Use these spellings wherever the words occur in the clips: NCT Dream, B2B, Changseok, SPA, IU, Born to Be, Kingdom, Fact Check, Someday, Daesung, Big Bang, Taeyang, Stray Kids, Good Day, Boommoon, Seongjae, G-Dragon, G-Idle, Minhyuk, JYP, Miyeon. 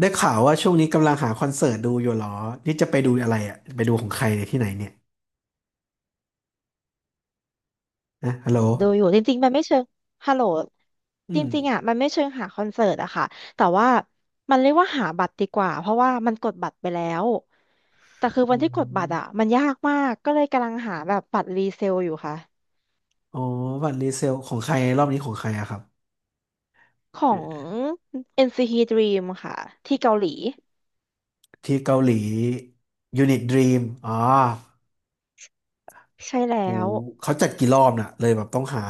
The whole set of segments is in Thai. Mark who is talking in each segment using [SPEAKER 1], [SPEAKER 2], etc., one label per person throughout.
[SPEAKER 1] ได้ข่าวว่าช่วงนี้กำลังหาคอนเสิร์ตดูอยู่เหรอนี่จะไปดูอะไรอ่ะไปดูของใครเนี่ยที่ไหนเนี่ยนะฮัลโหล
[SPEAKER 2] ดูอยู่จริงๆมันไม่เชิงฮัลโหล
[SPEAKER 1] อื
[SPEAKER 2] จ
[SPEAKER 1] ม
[SPEAKER 2] ริงๆอ่ะมันไม่เชิงหาคอนเสิร์ตอะค่ะแต่ว่ามันเรียกว่าหาบัตรดีกว่าเพราะว่ามันกดบัตรไปแล้วแต่คือ
[SPEAKER 1] อื
[SPEAKER 2] วันที่กดบัตรอะ
[SPEAKER 1] ม
[SPEAKER 2] มันยากมากก็เลยกำลังหาแบบบัตรรีเซลอยู่ค่ะ
[SPEAKER 1] อ๋อบัตรรีเซลของใครรอบนี้ของใครอะครับ
[SPEAKER 2] ของ NCT Dream ค่ะที่เกาหลี
[SPEAKER 1] ที่เกาหลียูนิตดรีมอ๋อ
[SPEAKER 2] ใช่แล้
[SPEAKER 1] หมู
[SPEAKER 2] ว
[SPEAKER 1] เขาจัดกี่รอบน่ะเลยแบบต้องหา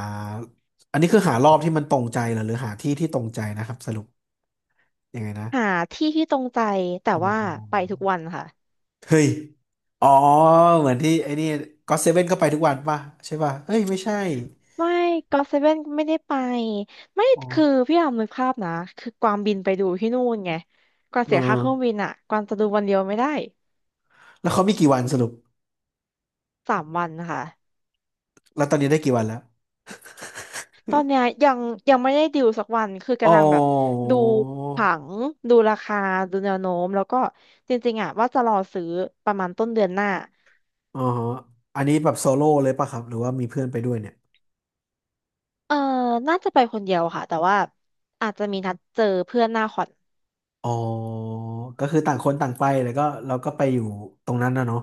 [SPEAKER 1] อันนี้คือหารอบที่มันตรงใจเหรอหรือหาที่ที่ตรงใจนะครับสรุปยังไงนะ
[SPEAKER 2] หาที่ที่ตรงใจแต่
[SPEAKER 1] อ๋อ
[SPEAKER 2] ว่าไปทุกวันค่ะ
[SPEAKER 1] เฮ้ยอ๋อเหมือนที่ไอ้นี่ก็เซเว่นก็ไปทุกวันป่ะใช่ป่ะเอ้ยไม่ใช่
[SPEAKER 2] ไม่ก็เซเว่นไม่ได้ไปไม่
[SPEAKER 1] อ๋อ
[SPEAKER 2] คือพี่อามนึกภาพนะคือกวางบินไปดูที่นู่นไงกวาง
[SPEAKER 1] เอ
[SPEAKER 2] เสียค่าเครื่องบิ
[SPEAKER 1] อ
[SPEAKER 2] นอ่ะกวางจะดูวันเดียวไม่ได้
[SPEAKER 1] แล้วเขามีกี่วันสรุป
[SPEAKER 2] สามวันค่ะ
[SPEAKER 1] แล้วตอนนี้ได้กี่วันแล้ว
[SPEAKER 2] ตอนเนี้ยยังยังไม่ได้ดิวสักวันคือ
[SPEAKER 1] อ๋
[SPEAKER 2] กำ
[SPEAKER 1] อ
[SPEAKER 2] ลังแบบดูผังดูราคาดูแนวโน้มแล้วก็จริงๆอ่ะว่าจะรอซื้อประมาณต้นเดือนหน้า
[SPEAKER 1] อ๋อฮะอันนี้แบบโซโล่เลยป่ะครับ หรือว่ามีเพื่อนไปด้วยเนี่ย
[SPEAKER 2] เออน่าจะไปคนเดียวค่ะแต่ว่าอาจจะมีนัดเจอเพื่อนหน้าคอน
[SPEAKER 1] อ๋อก็คือต่างคนต่างไปแล้วก็เราก็ไปอยู่ตรงนั้นนะเนาะ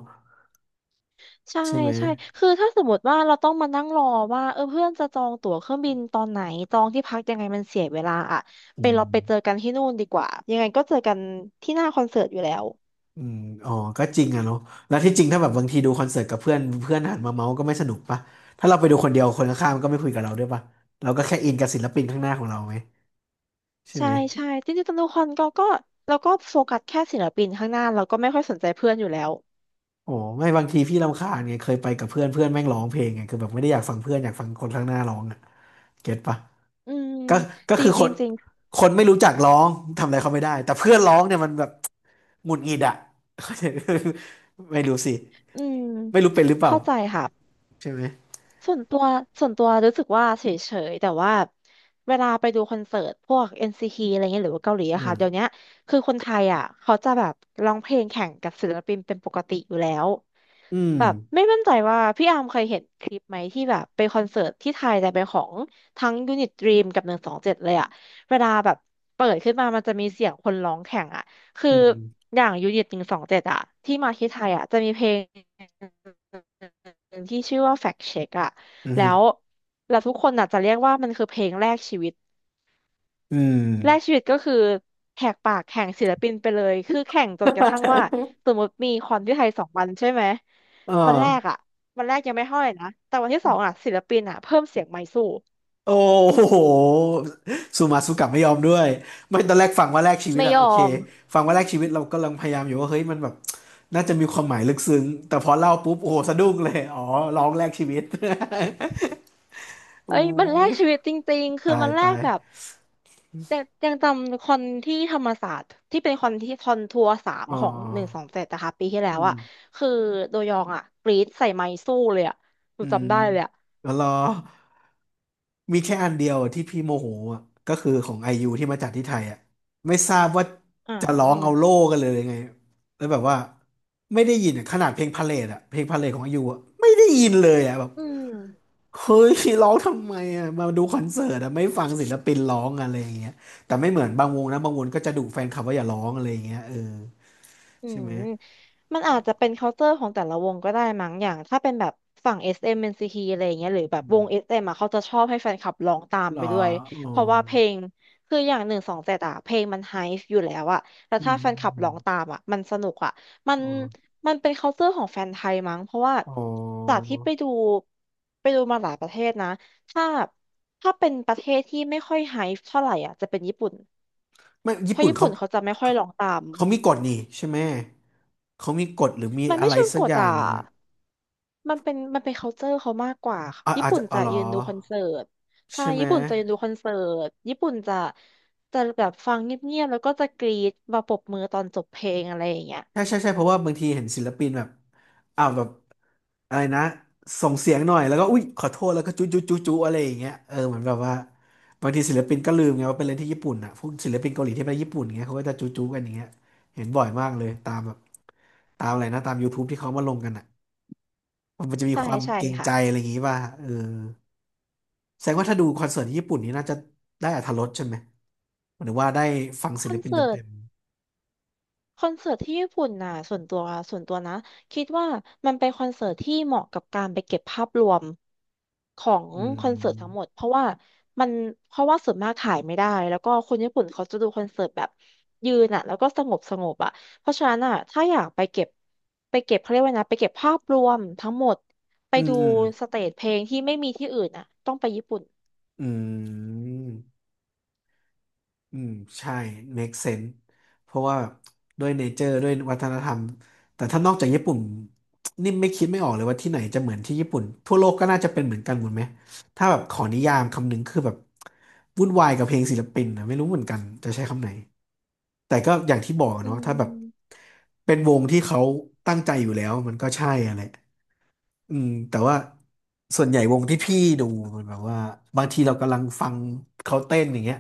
[SPEAKER 2] ใช่
[SPEAKER 1] ใช่ไหม
[SPEAKER 2] ใช่คือถ้าสมมติว่าเราต้องมานั่งรอว่าเออเพื่อนจะจองตั๋วเครื่องบินตอนไหนจองที่พักยังไงมันเสียเวลาอ่ะ
[SPEAKER 1] อื
[SPEAKER 2] ไปเรา
[SPEAKER 1] ม
[SPEAKER 2] ไปเจอกันที่นู่นดีกว่ายังไงก็เจอกันที่หน้าคอนเสิร์ตอยู่แล้ว
[SPEAKER 1] อืมอ๋อก็จริงอะเนาะแล้วที่จริงถ้าแบบบางทีดูคอนเสิร์ตกับเพื่อนเพื่อนหันมาเมาส์ก็ไม่สนุกป่ะถ้าเราไปดูคนเดียวคนข้างๆมันก็ไม่คุยกับเราด้วยป่ะเราก็แค่อินกับศิลปินข้างหน้าของเราไหมใช่
[SPEAKER 2] ใช่
[SPEAKER 1] ไหม
[SPEAKER 2] ใช่จริงๆตอนดูคอนก็ก็เราก็โฟกัสแค่ศิลปินข้างหน้าเราก็ไม่ค่อยสนใจเพื่อนอยู่แล้ว
[SPEAKER 1] โอ้ไม่บางทีพี่รำคาญไงเคยไปกับเพื่อนเพื่อนแม่งร้องเพลงไงคือแบบไม่ได้อยากฟังเพื่อนอยากฟังคนข้างหน้าร้องอ่ะเก็ตปะ
[SPEAKER 2] อืม
[SPEAKER 1] ก็ก็
[SPEAKER 2] จริ
[SPEAKER 1] คื
[SPEAKER 2] ง
[SPEAKER 1] อ
[SPEAKER 2] จ
[SPEAKER 1] ค
[SPEAKER 2] ริง
[SPEAKER 1] น
[SPEAKER 2] จริง
[SPEAKER 1] คนไม่รู้จักร้องทำอะไรเขาไม่ได้แต่เพื่อนร้องเนี่ยมันแบบหงุดหงิดอ่ะ เข้าใจไม่รู้สิ
[SPEAKER 2] อืม
[SPEAKER 1] ไม่รู้เป็นหรือเปล่า
[SPEAKER 2] เข้าใจค่ะ
[SPEAKER 1] ใช่ไหม
[SPEAKER 2] ส่วนตัวส่วนตัวรู้สึกว่าเฉยๆแต่ว่าเวลาไปดูคอนเสิร์ตพวก NCT อนซีทีอะไรเงี้ยหรือว่าเกาหลีอะ
[SPEAKER 1] อื
[SPEAKER 2] ค่ะ
[SPEAKER 1] ม
[SPEAKER 2] เดี๋ยวเนี้ยคือคนไทยอ่ะเขาจะแบบร้องเพลงแข่งกับศิลปินเป็นปกติอยู่แล้ว
[SPEAKER 1] อืม
[SPEAKER 2] แบบไม่มั่นใจว่าพี่อาร์มเคยเห็นคลิปไหมที่แบบไปคอนเสิร์ตที่ไทยแต่เป็นของทั้งยูนิตดรีมกับหนึ่งสองเจ็ดเลยอ่ะเวลาแบบเปิดขึ้นมามันจะมีเสียงคนร้องแข่งอ่ะคือ
[SPEAKER 1] อืม
[SPEAKER 2] อย่างยูนิตหนึ่งสองเจ็ดอ่ะที่มาที่ไทยอ่ะจะมีเพลง หนึ่งที่ชื่อว่า Fact Check อะ
[SPEAKER 1] อื
[SPEAKER 2] แล้
[SPEAKER 1] ม
[SPEAKER 2] วแล้วทุกคนอาจจะเรียกว่ามันคือเพลงแรกชีวิต
[SPEAKER 1] อืม
[SPEAKER 2] แรกชีวิตก็คือแหกปากแข่งศิลปินไปเลย คือแข่งจนกระทั่งว่าสมมติมีคอนที่ไทยสองวันใช่ไหม
[SPEAKER 1] เออ
[SPEAKER 2] วันแรกอะวันแรกยังไม่เท่าไหร่นะ แต่วันที่สองอะศิลปินอะเพิ่มเสียงไมค์สู้
[SPEAKER 1] โอ้โหซูมาซูกลับไม่ยอมด้วยไม่ตอนแรกฟังว่าแลกชีวิต
[SPEAKER 2] ไม่
[SPEAKER 1] อะ
[SPEAKER 2] ยอ
[SPEAKER 1] โอเค
[SPEAKER 2] ม
[SPEAKER 1] ฟังว่าแลกชีวิตเรากำลังพยายามอยู่ว่าเฮ้ยมันแบบน่าจะมีความหมายลึกซึ้งแต่พอเล่าปุ๊บโอ้โหสะดุ้งเลยอ๋อร้องแลกชีวิต อู
[SPEAKER 2] เอ้ยมันแลก
[SPEAKER 1] ้
[SPEAKER 2] ชีวิตจริงๆ คือ
[SPEAKER 1] ตาย
[SPEAKER 2] มันแล
[SPEAKER 1] ตา
[SPEAKER 2] ก
[SPEAKER 1] ย
[SPEAKER 2] แบบ ยังยังจำคอนที่ธรรมศาสตร์ที่เป็นคอนที่คอนทัวร์สาม
[SPEAKER 1] อ๋อ
[SPEAKER 2] ของหนึ่งสองเจ็ดนะคะปีที่แล้
[SPEAKER 1] อื
[SPEAKER 2] วอะ
[SPEAKER 1] ม
[SPEAKER 2] คือโดยองอะกรี๊ดใส่ไมค์สู้เลยอะหนู
[SPEAKER 1] อืม
[SPEAKER 2] จำได้เลยอะ
[SPEAKER 1] แล้วรอ มีแค่อันเดียวที่พี่โมโหอ่ะก็คือของไอยูที่มาจัดที่ไทยอ่ะไม่ทราบว่า
[SPEAKER 2] อ๋
[SPEAKER 1] จะร้องเอา
[SPEAKER 2] อ
[SPEAKER 1] โล่กันเลยยังไงแล้วแบบว่าไม่ได้ยินอะขนาดเพลงพาเลทอ่ะเพลงพาเลทของไอยูอ่ะไม่ได้ยินเลยอ่ะแบบ
[SPEAKER 2] อืม
[SPEAKER 1] เฮ้ยร้องทำไมอ่ะมาดูคอนเสิร์ตอ่ะไม่ฟังศิลปินร้องอะไรอย่างเงี้ยแต่ไม่เหมือนบางวงนะบางวงก็จะดุแฟนคลับว่าอย่าร้องอะไรอย่างเงี้ยเออ
[SPEAKER 2] อื
[SPEAKER 1] ใช่
[SPEAKER 2] ม
[SPEAKER 1] ไหม
[SPEAKER 2] มันอาจจะเป็น culture ของแต่ละวงก็ได้มั้งอย่างถ้าเป็นแบบฝั่งเอ NCT อมเอ็นซีทีอะไรอย่างเงี้ยหรือแบบ
[SPEAKER 1] อื
[SPEAKER 2] วง s
[SPEAKER 1] ม
[SPEAKER 2] เอมอ่ะเขาจะชอบให้แฟนคลับร้องตาม
[SPEAKER 1] เหรอ
[SPEAKER 2] ไปด้วย
[SPEAKER 1] อ๋อ
[SPEAKER 2] เพราะว่าเพลงคืออย่างหนึ่งสองเจ็ดอ่ะเพลงมันไฮฟ์อยู่แล้วอ่ะแล้ว
[SPEAKER 1] อื
[SPEAKER 2] ถ้า
[SPEAKER 1] ม
[SPEAKER 2] แฟนคลับ
[SPEAKER 1] อ
[SPEAKER 2] ร้
[SPEAKER 1] ม
[SPEAKER 2] องตามอ่ะมันสนุกอ่ะมัน
[SPEAKER 1] อ๋อ
[SPEAKER 2] มันเป็น culture ของแฟนไทยมั้งเพราะว่า
[SPEAKER 1] อ๋อ
[SPEAKER 2] จากที่ไปดูไปดูมาหลายประเทศนะถ้าถ้าเป็นประเทศที่ไม่ค่อยไฮฟ์เท่าไหร่อ่ะจะเป็นญี่ปุ่น
[SPEAKER 1] ไม่
[SPEAKER 2] เพ
[SPEAKER 1] ญี่
[SPEAKER 2] ราะ
[SPEAKER 1] ปุ่น
[SPEAKER 2] ญี่
[SPEAKER 1] เขา
[SPEAKER 2] ปุ่นเขาจะไม่ค่อยร้องตาม
[SPEAKER 1] เขามีกฎนี่ใช่ไหมเขามีกฎหรือมี
[SPEAKER 2] มัน
[SPEAKER 1] อะ
[SPEAKER 2] ไม่
[SPEAKER 1] ไร
[SPEAKER 2] เชิง
[SPEAKER 1] สั
[SPEAKER 2] ก
[SPEAKER 1] กอ
[SPEAKER 2] ด
[SPEAKER 1] ย่าง
[SPEAKER 2] อ่ะ
[SPEAKER 1] หนึ่งอะ
[SPEAKER 2] มันเป็นมันเป็น culture เขามากกว่าค่ะ
[SPEAKER 1] อ่ะ
[SPEAKER 2] ญี่
[SPEAKER 1] อาจ
[SPEAKER 2] ปุ่
[SPEAKER 1] จะ
[SPEAKER 2] น
[SPEAKER 1] อ๋อ
[SPEAKER 2] จะ
[SPEAKER 1] เหรอ
[SPEAKER 2] ยืนดูคอนเสิร์ตใช่
[SPEAKER 1] ใช่ไหม
[SPEAKER 2] ญี่ปุ่นจะยืนดูคอนเสิร์ตญี่ปุ่นจะจะแบบฟังเงียบๆแล้วก็จะกรี๊ดมาปรบมือตอนจบเพลงอะไรอย่างเงี้ย
[SPEAKER 1] ใช่ใช่ใช่เพราะว่าบางทีเห็นศิลปินแบบอ้าวแบบอะไรนะส่งเสียงหน่อยแล้วก็อุ๊ยขอโทษแล้วก็จุ๊จุ๊จุ๊จุ๊อะไรอย่างเงี้ยเออเหมือนแบบว่าบางทีศิลปินก็ลืมไงว่าเป็นเรื่องที่ญี่ปุ่นอ่ะพวกศิลปินเกาหลีที่ไปญี่ปุ่นเงี้ยเขาก็จะจุ๊จุ๊กันอย่างเงี้ยเห็นบ่อยมากเลยตามแบบตามอะไรนะตาม YouTube ที่เขามาลงกันอ่ะมันจะมี
[SPEAKER 2] ใช่
[SPEAKER 1] ความ
[SPEAKER 2] ใช่
[SPEAKER 1] เกรง
[SPEAKER 2] ค่ะ
[SPEAKER 1] ใจอะไรอย่างงี้ป่ะเออ แสดงว่าถ้าดูคอนเสิร์ตที่ญี่ปุ่นนี้น่าจะได้อรรถรสใช่ไหมหมายถึงว่าได้ฟัง
[SPEAKER 2] ค
[SPEAKER 1] ศิ
[SPEAKER 2] อ
[SPEAKER 1] ล
[SPEAKER 2] น
[SPEAKER 1] ปิน
[SPEAKER 2] เสิร์ต
[SPEAKER 1] เต็ม
[SPEAKER 2] คอนเสิร์ตที่ญี่ปุ่นน่ะส่วนตัวส่วนตัวนะคิดว่ามันเป็นคอนเสิร์ตที่เหมาะกับการไปเก็บภาพรวมของ
[SPEAKER 1] ๆ
[SPEAKER 2] คอนเสิร์ตทั้งหมดเพราะว่ามันเพราะว่าส่วนมากขายไม่ได้แล้วก็คนญี่ปุ่นเขาจะดูคอนเสิร์ตแบบยืนอ่ะแล้วก็สงบสงบอ่ะเพราะฉะนั้นอ่ะถ้าอยากไปเก็บไปเก็บเขาเรียกว่าไงนะไปเก็บภาพรวมทั้งหมดไป
[SPEAKER 1] อืม
[SPEAKER 2] ดู
[SPEAKER 1] อืม
[SPEAKER 2] สเตจเพลงที่ไม่มีที่อื่นอ่ะต้องไปญี่ปุ่น
[SPEAKER 1] อืม อืมใช่ make sense เพราะว่าด้วยเนเจอร์ด้วยวัฒนธรรมแต่ถ้านอกจากญี่ปุ่นนี่ไม่คิดไม่ออกเลยว่าที่ไหนจะเหมือนที่ญี่ปุ่นทั่วโลกก็น่าจะเป็นเหมือนกันหมดไหมถ้าแบบขอนิยามคำหนึ่งคือแบบวุ่นวายกับเพลงศิลปินนะไม่รู้เหมือนกันจะใช้คำไหนแต่ก็อย่างที่บอกอะ
[SPEAKER 2] อื
[SPEAKER 1] เนาะถ้าแบบ
[SPEAKER 2] ม
[SPEAKER 1] เป็นวงที่เขาตั้งใจอยู่แล้วมันก็ใช่อะไร อืมแต่ว่าส่วนใหญ่วงที่พี่ดูมันแบบว่าบางทีเรากำลังฟังเขาเต้นอย่างเงี้ย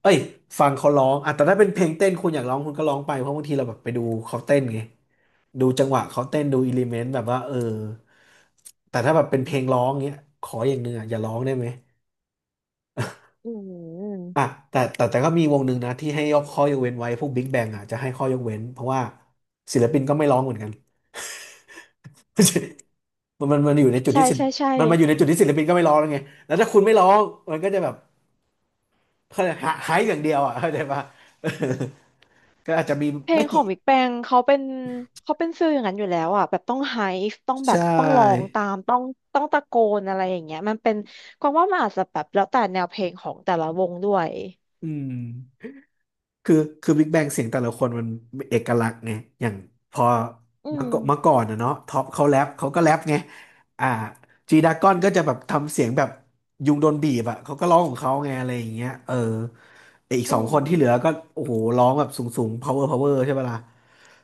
[SPEAKER 1] เอ้ยฟังเขาร้องอ่ะแต่ถ้าเป็นเพลงเต้นคุณอยากร้องคุณก็ร้องไปเพราะบางทีเราแบบไปดูเขาเต้นไงดูจังหวะเขาเต้นดูอิเลเมนต์แบบว่าเออแต่ถ้าแบบเป็นเพลงร้องเงี้ยขออย่างหนึ่งอ่ะอย่าร้องได้ไหม
[SPEAKER 2] อื
[SPEAKER 1] อ่ะ
[SPEAKER 2] ม
[SPEAKER 1] แต่ก็มีวงหนึ่งนะที่ให้ยกข้อยกเว้นไว้พวกบิ๊กแบงอ่ะจะให้ข้อยกเว้นเพราะว่าศิลปินก็ไม่ร้องเหมือนกัน มันอยู่ในจุด
[SPEAKER 2] ใช่
[SPEAKER 1] ที่ศิล
[SPEAKER 2] ใช่
[SPEAKER 1] ป์
[SPEAKER 2] ใช่
[SPEAKER 1] มันมาอยู่ในจุดที่ศิลปินก็ไม่ร้องแล้วไงแล้วถ้าคุณไม่ร้องมันก็จะแบบเขาเรียกหาหายอย่างเดียวอ่ะเข้าใจปะ ก็อาจจะมี
[SPEAKER 2] เพล
[SPEAKER 1] ไม่
[SPEAKER 2] งขอ
[SPEAKER 1] กี่
[SPEAKER 2] งบิ๊กแปงเขาเป็นเขาเป็นฟิลอย่างนั้นอยู่แล้วอ่ะแบบต้องไฮฟ์ต้องแบ
[SPEAKER 1] ใช
[SPEAKER 2] บต้องร้อง
[SPEAKER 1] ่
[SPEAKER 2] ตามต้องต้องตะโกนอะไรอย่างเงี้ยมันเป็นกวางว่ามันอาจจะแบบแล้วแต่แนวเพลงของแต่ละวงด้วย
[SPEAKER 1] อืมคือคือบิ๊กแบงเสียงแต่ละคนมันเอกลักษณ์ไงอย่างพอ
[SPEAKER 2] อื
[SPEAKER 1] เมื่
[SPEAKER 2] ม
[SPEAKER 1] อก่อนเมื่อก่อนนะเนาะท็อปเขาแรปเขาก็แรปไงอ่าจีดากอนก็จะแบบทำเสียงแบบยุงโดนบีบอ่ะเขาก็ร้องของเขาไงอะไรอย่างเงี้ยเออไอ้อีกส
[SPEAKER 2] อื
[SPEAKER 1] องค
[SPEAKER 2] ม
[SPEAKER 1] นที่เหลือก็โอ้โหร้องแบบสูงๆ power power ใช่ปะล่ะ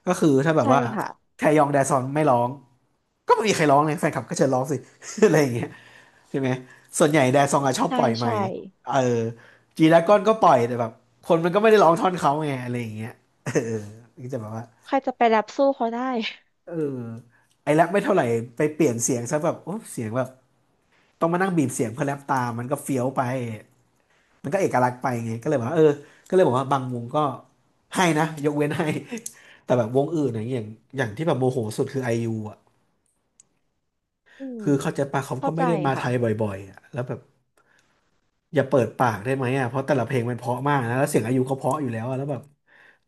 [SPEAKER 1] ก็คือถ้าแบบ
[SPEAKER 2] ใช่
[SPEAKER 1] ว่า
[SPEAKER 2] ค่ะ
[SPEAKER 1] แทยองแดซอนไม่ร้องก็ไม่มีใครร้องเลยแฟนคลับก็เชิญร้องสิ อะไรอย่างเงี้ยใช่ไหมส่วนใหญ่แดซองอะชอบ
[SPEAKER 2] ใช่
[SPEAKER 1] ปล่อยใหม่
[SPEAKER 2] ใช่
[SPEAKER 1] เออจีดราก้อนก็ปล่อยแต่แบบคนมันก็ไม่ได้ร้องท่อนเขาไงอะไรอย่างเงี้ย เออก็จะแบบว่า
[SPEAKER 2] ใครจะไปแรปสู้เขาได้
[SPEAKER 1] เออไอ้แรปไม่เท่าไหร่ไปเปลี่ยนเสียงซะแบบโอ้เสียงแบบ ต้องมานั่งบีบเสียงเพื่อแรปตามมันก็เฟี้ยวไป มันก็เอกลักษณ์ไปไงก็เลยบอกว่าเออก็เลยบอกว่าบางวงก็ให้นะยกเว้นให้ แต่แบบวงอื่นอย่างที่แบบโมโหสุดคือไอยูอ่ะ
[SPEAKER 2] อืม
[SPEAKER 1] คือเขาใจปะเขาก็
[SPEAKER 2] เข้า
[SPEAKER 1] ไม่
[SPEAKER 2] ใจ
[SPEAKER 1] ได้มาไท
[SPEAKER 2] ค่ะ
[SPEAKER 1] ยบ่อยๆอ่ะแล้วแบบอย่าเปิดปากได้ไหมอ่ะเพราะแต่ละเพลงมันเพราะมากนะแล้วเสียงอายเขาเพราะอยู่แล้วอะแล้วแบบ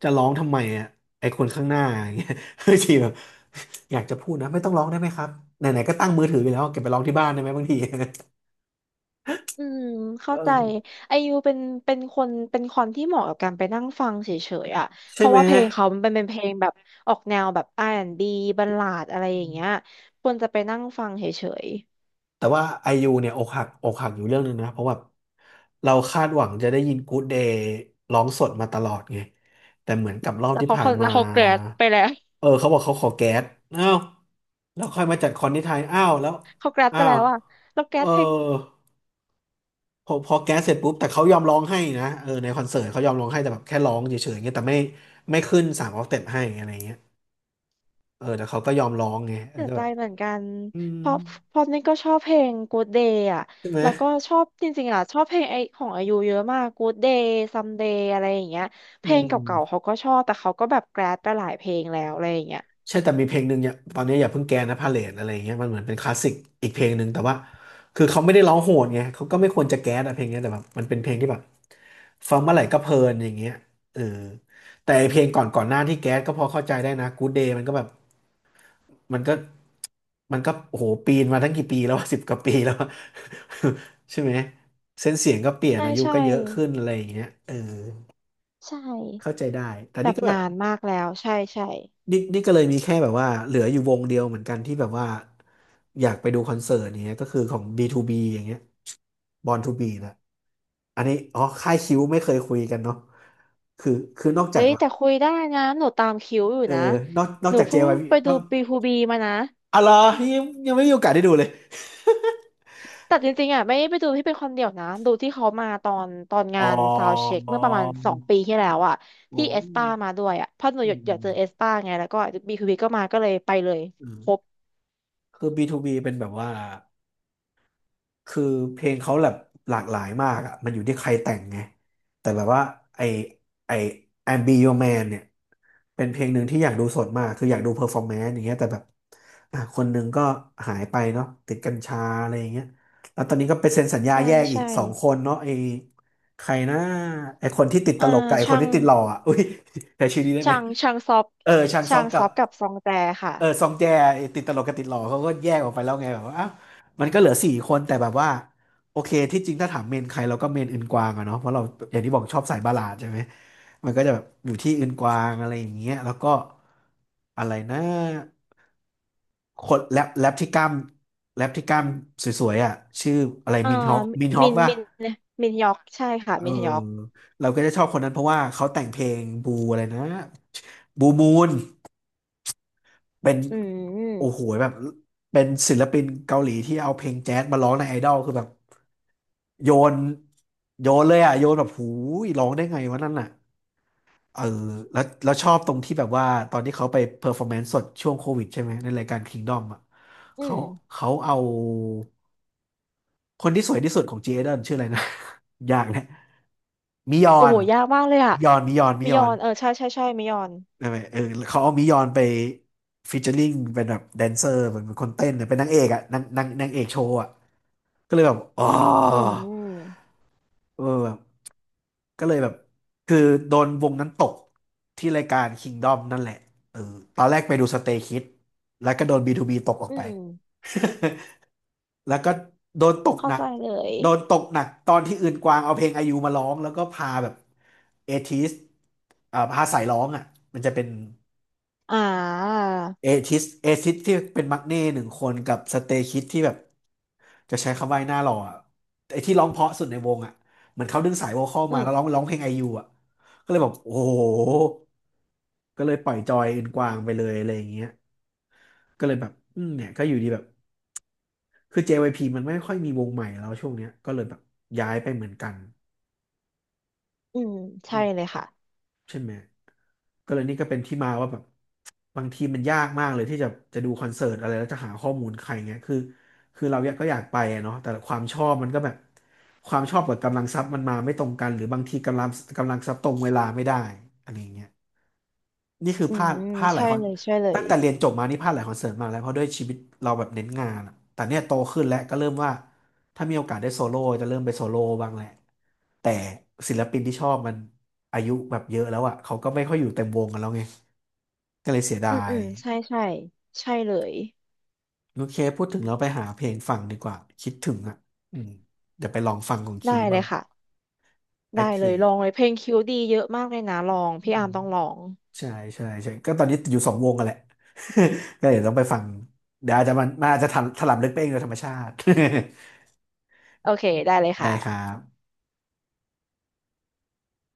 [SPEAKER 1] จะร้องทำไมอ่ะไอคนข้างหน้าอย่างเงี้ย บางทีแบบอยากจะพูดนะไม่ต้องร้องได้ไหมครับไหนๆก็ตั้งมือถือไปแล้วเก็บไปร้องที่บ้านได้ไหมบางที
[SPEAKER 2] อืม เข้า
[SPEAKER 1] เอ
[SPEAKER 2] ใจ
[SPEAKER 1] อ
[SPEAKER 2] ไอยูเป็นเป็นคนเป็นคนที่เหมาะกับการไปนั่งฟังเฉยๆอ่ะเพ
[SPEAKER 1] ใช่
[SPEAKER 2] ราะ
[SPEAKER 1] ไหม
[SPEAKER 2] ว่าเพลงเขามันเป็นเป็นเพลงแบบออกแนวแบบ R&B บบัลลาดอะไรอย่างเงี้ยควรจะไปนั่งฟังเฉย
[SPEAKER 1] แต่ว่าไอยูเนี่ยอกหักอยู่เรื่องหนึงนะเพราะว่าเราคาดหวังจะได้ยินกู๊ดเดย์ร้องสดมาตลอดไงแต่เหมือนกับรอ
[SPEAKER 2] ๆ
[SPEAKER 1] บ
[SPEAKER 2] แล้ว
[SPEAKER 1] ที่
[SPEAKER 2] เขา
[SPEAKER 1] ผ่าน
[SPEAKER 2] แล้
[SPEAKER 1] มา
[SPEAKER 2] วเขาแกรดไปแล้ว
[SPEAKER 1] เออเขาบอกเขาขอแก๊สอ้าวแล้วค่อยมาจัดคอนที่ไทยอ้าวแล้ว
[SPEAKER 2] เขาแกรด
[SPEAKER 1] อ้า
[SPEAKER 2] ไปแล้
[SPEAKER 1] ว
[SPEAKER 2] วอ่ะแล้วแกร
[SPEAKER 1] เออ
[SPEAKER 2] ดเพลง
[SPEAKER 1] พอแก๊สเสร็จปุ๊บแต่เขายอมร้องให้นะเออในคอนเสิร์ตเขายอมร้องให้แต่แบบแค่ร้องเฉยๆเงี้ยแต่ไม่ขึ้นสามออกเต็ปให้อะไรเงี้ยเออแต่เขาก็ยอมร้องไงเออ
[SPEAKER 2] เสีย
[SPEAKER 1] ก็
[SPEAKER 2] ใจ
[SPEAKER 1] แบบ
[SPEAKER 2] เหมือนกัน
[SPEAKER 1] อืม
[SPEAKER 2] เพราะเพราะนี่ก็ชอบเพลง Good Day อ่ะ
[SPEAKER 1] ใช่ไหม
[SPEAKER 2] แล้วก็ชอบจริงๆอ่ะชอบเพลงไอของอายุเยอะมาก Good Day Someday อะไรอย่างเงี้ยเพ
[SPEAKER 1] อื
[SPEAKER 2] ลง
[SPEAKER 1] ม
[SPEAKER 2] เก่าๆเขาก็ชอบแต่เขาก็แบบแกรดไปหลายเพลงแล้วอะไรอย่างเงี้ย
[SPEAKER 1] ใช่แต่มีเพลงหนึ่งเนี่ยตอนนี้อย่าเพิ่งแกนะพาเลทอะไรอย่างเงี้ยมันเหมือนเป็นคลาสสิกอีกเพลงหนึ่งแต่ว่าคือเขาไม่ได้ร้องโหดไงเขาก็ไม่ควรจะแก๊สอะเพลงเนี้ยแต่แบบมันเป็นเพลงที่แบบฟังเมื่อไหร่ก็เพลินอย่างเงี้ยเออแต่ไอเพลงก่อนหน้าที่แก๊สก็พอเข้าใจได้นะ Good Day มันก็แบบมันก็มันก็โอ้โหปีนมาตั้งกี่ปีแล้ว สิบกว่าปีแล้วอะ ใช่ไหมเส้นเสียงก็เปลี่ยน
[SPEAKER 2] ใช่
[SPEAKER 1] อายุ
[SPEAKER 2] ใช่
[SPEAKER 1] ก็เยอะขึ้นอะไรอย่างเงี้ยเออ
[SPEAKER 2] ใช่
[SPEAKER 1] เข้าใจได้แต่
[SPEAKER 2] แบ
[SPEAKER 1] นี่
[SPEAKER 2] บ
[SPEAKER 1] ก็แบบ
[SPEAKER 2] นานมากแล้วใช่ใช่
[SPEAKER 1] นี่ก็เลยมีแค่แบบว่าเหลืออยู่วงเดียวเหมือนกันที่แบบว่าอยากไปดูคอนเสิร์ตเนี้ยก็คือของ B2B อย่างเงี้ย Born to Be นะอันนี้อ๋อค่ายคิวไม่เคยคุยกันเนาะคือคือนอกจา
[SPEAKER 2] เฮ้
[SPEAKER 1] ก
[SPEAKER 2] ย
[SPEAKER 1] แบบ
[SPEAKER 2] แต่คุยได้นะหนูตามคิวอยู่
[SPEAKER 1] เออ
[SPEAKER 2] นะ
[SPEAKER 1] นอกนอ
[SPEAKER 2] ห
[SPEAKER 1] ก
[SPEAKER 2] นู
[SPEAKER 1] จาก
[SPEAKER 2] เพิ่ง
[SPEAKER 1] JYP
[SPEAKER 2] ไป
[SPEAKER 1] น
[SPEAKER 2] ดู
[SPEAKER 1] อก
[SPEAKER 2] บีฮูบีมานะ
[SPEAKER 1] อะไรอยังยังไม่มีโอกาสได้ดูเลย
[SPEAKER 2] แต่จริงๆอ่ะไม่ได้ไปดูที่เป็นคนเดียวนะดูที่เขามาตอนตอน
[SPEAKER 1] อ๋
[SPEAKER 2] งา
[SPEAKER 1] อ
[SPEAKER 2] นซาวเช็คเมื่อประมาณ2 ปีที่แล้วอ่ะ
[SPEAKER 1] อ๋อ
[SPEAKER 2] ที่เอสปามาด้วยอ่ะเพราะหนู
[SPEAKER 1] อื
[SPEAKER 2] อยา
[SPEAKER 1] ม
[SPEAKER 2] กอ
[SPEAKER 1] อื
[SPEAKER 2] ยาก
[SPEAKER 1] ม
[SPEAKER 2] เจอเอสปาไงแล้วก็บีฮูบีก็มาก็เลยไปเลย
[SPEAKER 1] อืม
[SPEAKER 2] ครบ
[SPEAKER 1] คือ B2B เป็นแบบว่า คือเพลงเขาแบบหลากหลายมากอ่ะมันอยู่ที่ใครแต่งไงแต่แบบว่าไอไอ I'm Be Your Man เนี่ยเป็นเพลงหนึ่งที่อยากดูสดมากคืออยากดูเพอร์ฟอร์แมนซ์อย่างเงี้ยแต่แบบอ่ะคนหนึ่งก็หายไปเนาะติดกัญชาอะไรอย่างเงี้ยแล้วตอนนี้ก็ไปเซ็นสัญญา
[SPEAKER 2] ใช่
[SPEAKER 1] แยกอีก
[SPEAKER 2] ใช่
[SPEAKER 1] สองคนเนาะไอใครนะไอคนที่ติดต
[SPEAKER 2] อ่า
[SPEAKER 1] ลกกับไอคน
[SPEAKER 2] ช่าง
[SPEAKER 1] ที่ติดหล่ออ่ะอุ้ย แต่ชื่อนี้ได้ไหม
[SPEAKER 2] ช่างช่างซอฟ
[SPEAKER 1] เออชางซ
[SPEAKER 2] ช่า
[SPEAKER 1] อก
[SPEAKER 2] งซ
[SPEAKER 1] กับ
[SPEAKER 2] อฟกับซองแจค่ะ
[SPEAKER 1] เออซองแจไอ้ติดตลกกับติดหล่อเขาก็แยกออกไปแล้วไงแบบว่าอ้าวมันก็เหลือสี่คนแต่แบบว่าโอเคที่จริงถ้าถามเมนใครเราก็เมนอื่นกวางอะเนาะเพราะเราอย่างที่บอกชอบสายบัลลาดใช่ไหมมันก็จะแบบอยู่ที่อืนกวางอะไรอย่างเงี้ยแล้วก็อะไรนะคนแรปที่กล้ามแรปที่กล้ามสวยๆอ่ะชื่ออะไร
[SPEAKER 2] อ่า
[SPEAKER 1] มินฮอคมินฮอ
[SPEAKER 2] มิ
[SPEAKER 1] ค
[SPEAKER 2] น
[SPEAKER 1] ป่ะ
[SPEAKER 2] มินมินยอกใช่ค่ะ
[SPEAKER 1] เออ
[SPEAKER 2] มินยอก
[SPEAKER 1] เราก็จะชอบคนนั้นเพราะว่าเขาแต่งเพลงบูอะไรนะบูมูน เป็น
[SPEAKER 2] อื
[SPEAKER 1] โอ้
[SPEAKER 2] ม
[SPEAKER 1] โหแบบเป็นศิลปินเกาหลีที่เอาเพลงแจ๊สมาร้องในไอดอลคือแบบโยนโยนเลยอ่ะโยนแบบหูยร้องได้ไงวะนั่นน่ะเออแล้วแล้วชอบตรงที่แบบว่าตอนที่เขาไปเพอร์ฟอร์แมนซ์สดช่วงโควิดใช่ไหมในรายการ Kingdom อ่ะ
[SPEAKER 2] อื
[SPEAKER 1] เขา
[SPEAKER 2] ม
[SPEAKER 1] เขาเอาคนที่สวยที่สุดของจีเอเดนชื่ออะไรนะ ยากนะมิยอ
[SPEAKER 2] โอ้โห
[SPEAKER 1] น
[SPEAKER 2] ยากมากเลยอ่ะ
[SPEAKER 1] มิยอนมิ
[SPEAKER 2] มิ
[SPEAKER 1] ย
[SPEAKER 2] ย
[SPEAKER 1] อ
[SPEAKER 2] อ
[SPEAKER 1] น
[SPEAKER 2] นเออใช่ใช่ใช่มิยอน
[SPEAKER 1] ใช่ไหมเออเขาเอามิยอนไปฟีเจอริงเป็นแบบแดนเซอร์เหมือนเป็นคนเต้นเนี่ยเป็นนางเอกอะนางนางเอกโชว์อะก็เลยแบบอ๋อ
[SPEAKER 2] อืม
[SPEAKER 1] เออแบบก็เลยแบบคือโดนวงนั้นตกที่รายการ Kingdom นั่นแหละเออตอนแรกไปดู Stray Kids แล้วก็โดน B2B ตกออก
[SPEAKER 2] อื
[SPEAKER 1] ไป
[SPEAKER 2] ม
[SPEAKER 1] แล้วก็โดนตก
[SPEAKER 2] เข้า
[SPEAKER 1] หนัก
[SPEAKER 2] ใจเลย
[SPEAKER 1] โดนตกหนักตอนที่อื่นกวางเอาเพลงไอายุมาร้องแล้วก็พาแบบเอทิสพาสายร้องอ่ะมันจะเป็น
[SPEAKER 2] อ่า
[SPEAKER 1] เอทิสที่เป็นมักเน่หนึ่งคนกับสเตคิดที่แบบจะใช้คำว่าไอ้หน้าหล่ออะไอ้ที่ร้องเพราะสุดในวงอ่ะเหมือนเขาดึงสายโวคอล
[SPEAKER 2] อื
[SPEAKER 1] มา
[SPEAKER 2] ม
[SPEAKER 1] แล้วร้องเพลงไอยูอ่ะก็เลยแบบโอ้โหก็เลยปล่อยจอยอื่นกวางไปเลยอะไรอย่างเงี้ยก็เลยแบบอืมเนี่ยก็อยู่ดีแบบคือ JYP มันไม่ค่อยมีวงใหม่แล้วช่วงเนี้ยก็เลยแบบย้ายไปเหมือนกัน
[SPEAKER 2] อืมใช่เลยค่ะ
[SPEAKER 1] ใช่ไหมก็เลยนี่ก็เป็นที่มาว่าแบบบางทีมันยากมากเลยที่จะดูคอนเสิร์ตอะไรแล้วจะหาข้อมูลใครเงี้ยคือเราอยากก็อยากไปอะเนาะแต่ความชอบมันก็แบบความชอบกับกำลังทรัพย์มันมาไม่ตรงกันหรือบางทีกำลังทรัพย์ตรงเวลาไม่ได้อะไรอย่างเงี้ยนี่คือ
[SPEAKER 2] อื
[SPEAKER 1] พลาด
[SPEAKER 2] ม
[SPEAKER 1] พลาดหลา
[SPEAKER 2] ใช่
[SPEAKER 1] ยคอน
[SPEAKER 2] เลยใช่เล
[SPEAKER 1] ตั้
[SPEAKER 2] ย
[SPEAKER 1] งแต่เรียนจบมานี่พลาดหลายคอนเสิร์ตมากแล้วเพราะด้วยชีวิตเราแบบเน้นงานอะแต่เนี่ยโตขึ้นแล้วก็เริ่มว่า ถ้ามีโอกาสได้โซโล่จะเริ่มไปโซโล่บ้างแหละแต่ศิลปินที่ชอบมันอายุแบบเยอะแล้วอ่ะเขาก็ไม่ค่อยอยู่เต็มวงกันแล้วไงก็เลยเสีย
[SPEAKER 2] อืม
[SPEAKER 1] ดา
[SPEAKER 2] อื
[SPEAKER 1] ย
[SPEAKER 2] มใช่ใช่ใช่เลย
[SPEAKER 1] โอเคพูดถึงเราไปหาเพลงฟังดีกว่าคิดถึงอ่ะอืมเดี๋ยวไปลองฟังของ
[SPEAKER 2] ได้
[SPEAKER 1] คิว
[SPEAKER 2] เล
[SPEAKER 1] บ้า
[SPEAKER 2] ย
[SPEAKER 1] ง
[SPEAKER 2] ค่ะ
[SPEAKER 1] โอ
[SPEAKER 2] ได้
[SPEAKER 1] เค
[SPEAKER 2] เลยลองเลยเพลงคิวดีเยอะมากเลยนะลอง
[SPEAKER 1] อื
[SPEAKER 2] พี่
[SPEAKER 1] ม
[SPEAKER 2] อาร์มต้องลอง
[SPEAKER 1] ใช่ใช่ใช่ก็ตอนนี้อยู่สองวงกันแหละ ก็เดี๋ยวต้องไปฟังเดี๋ยวอาจจะมันอาจจะถลำลึกไปเองโดยธรรมชาติ
[SPEAKER 2] โอเคได้เลย
[SPEAKER 1] ได้ครั
[SPEAKER 2] ค่ะ
[SPEAKER 1] บ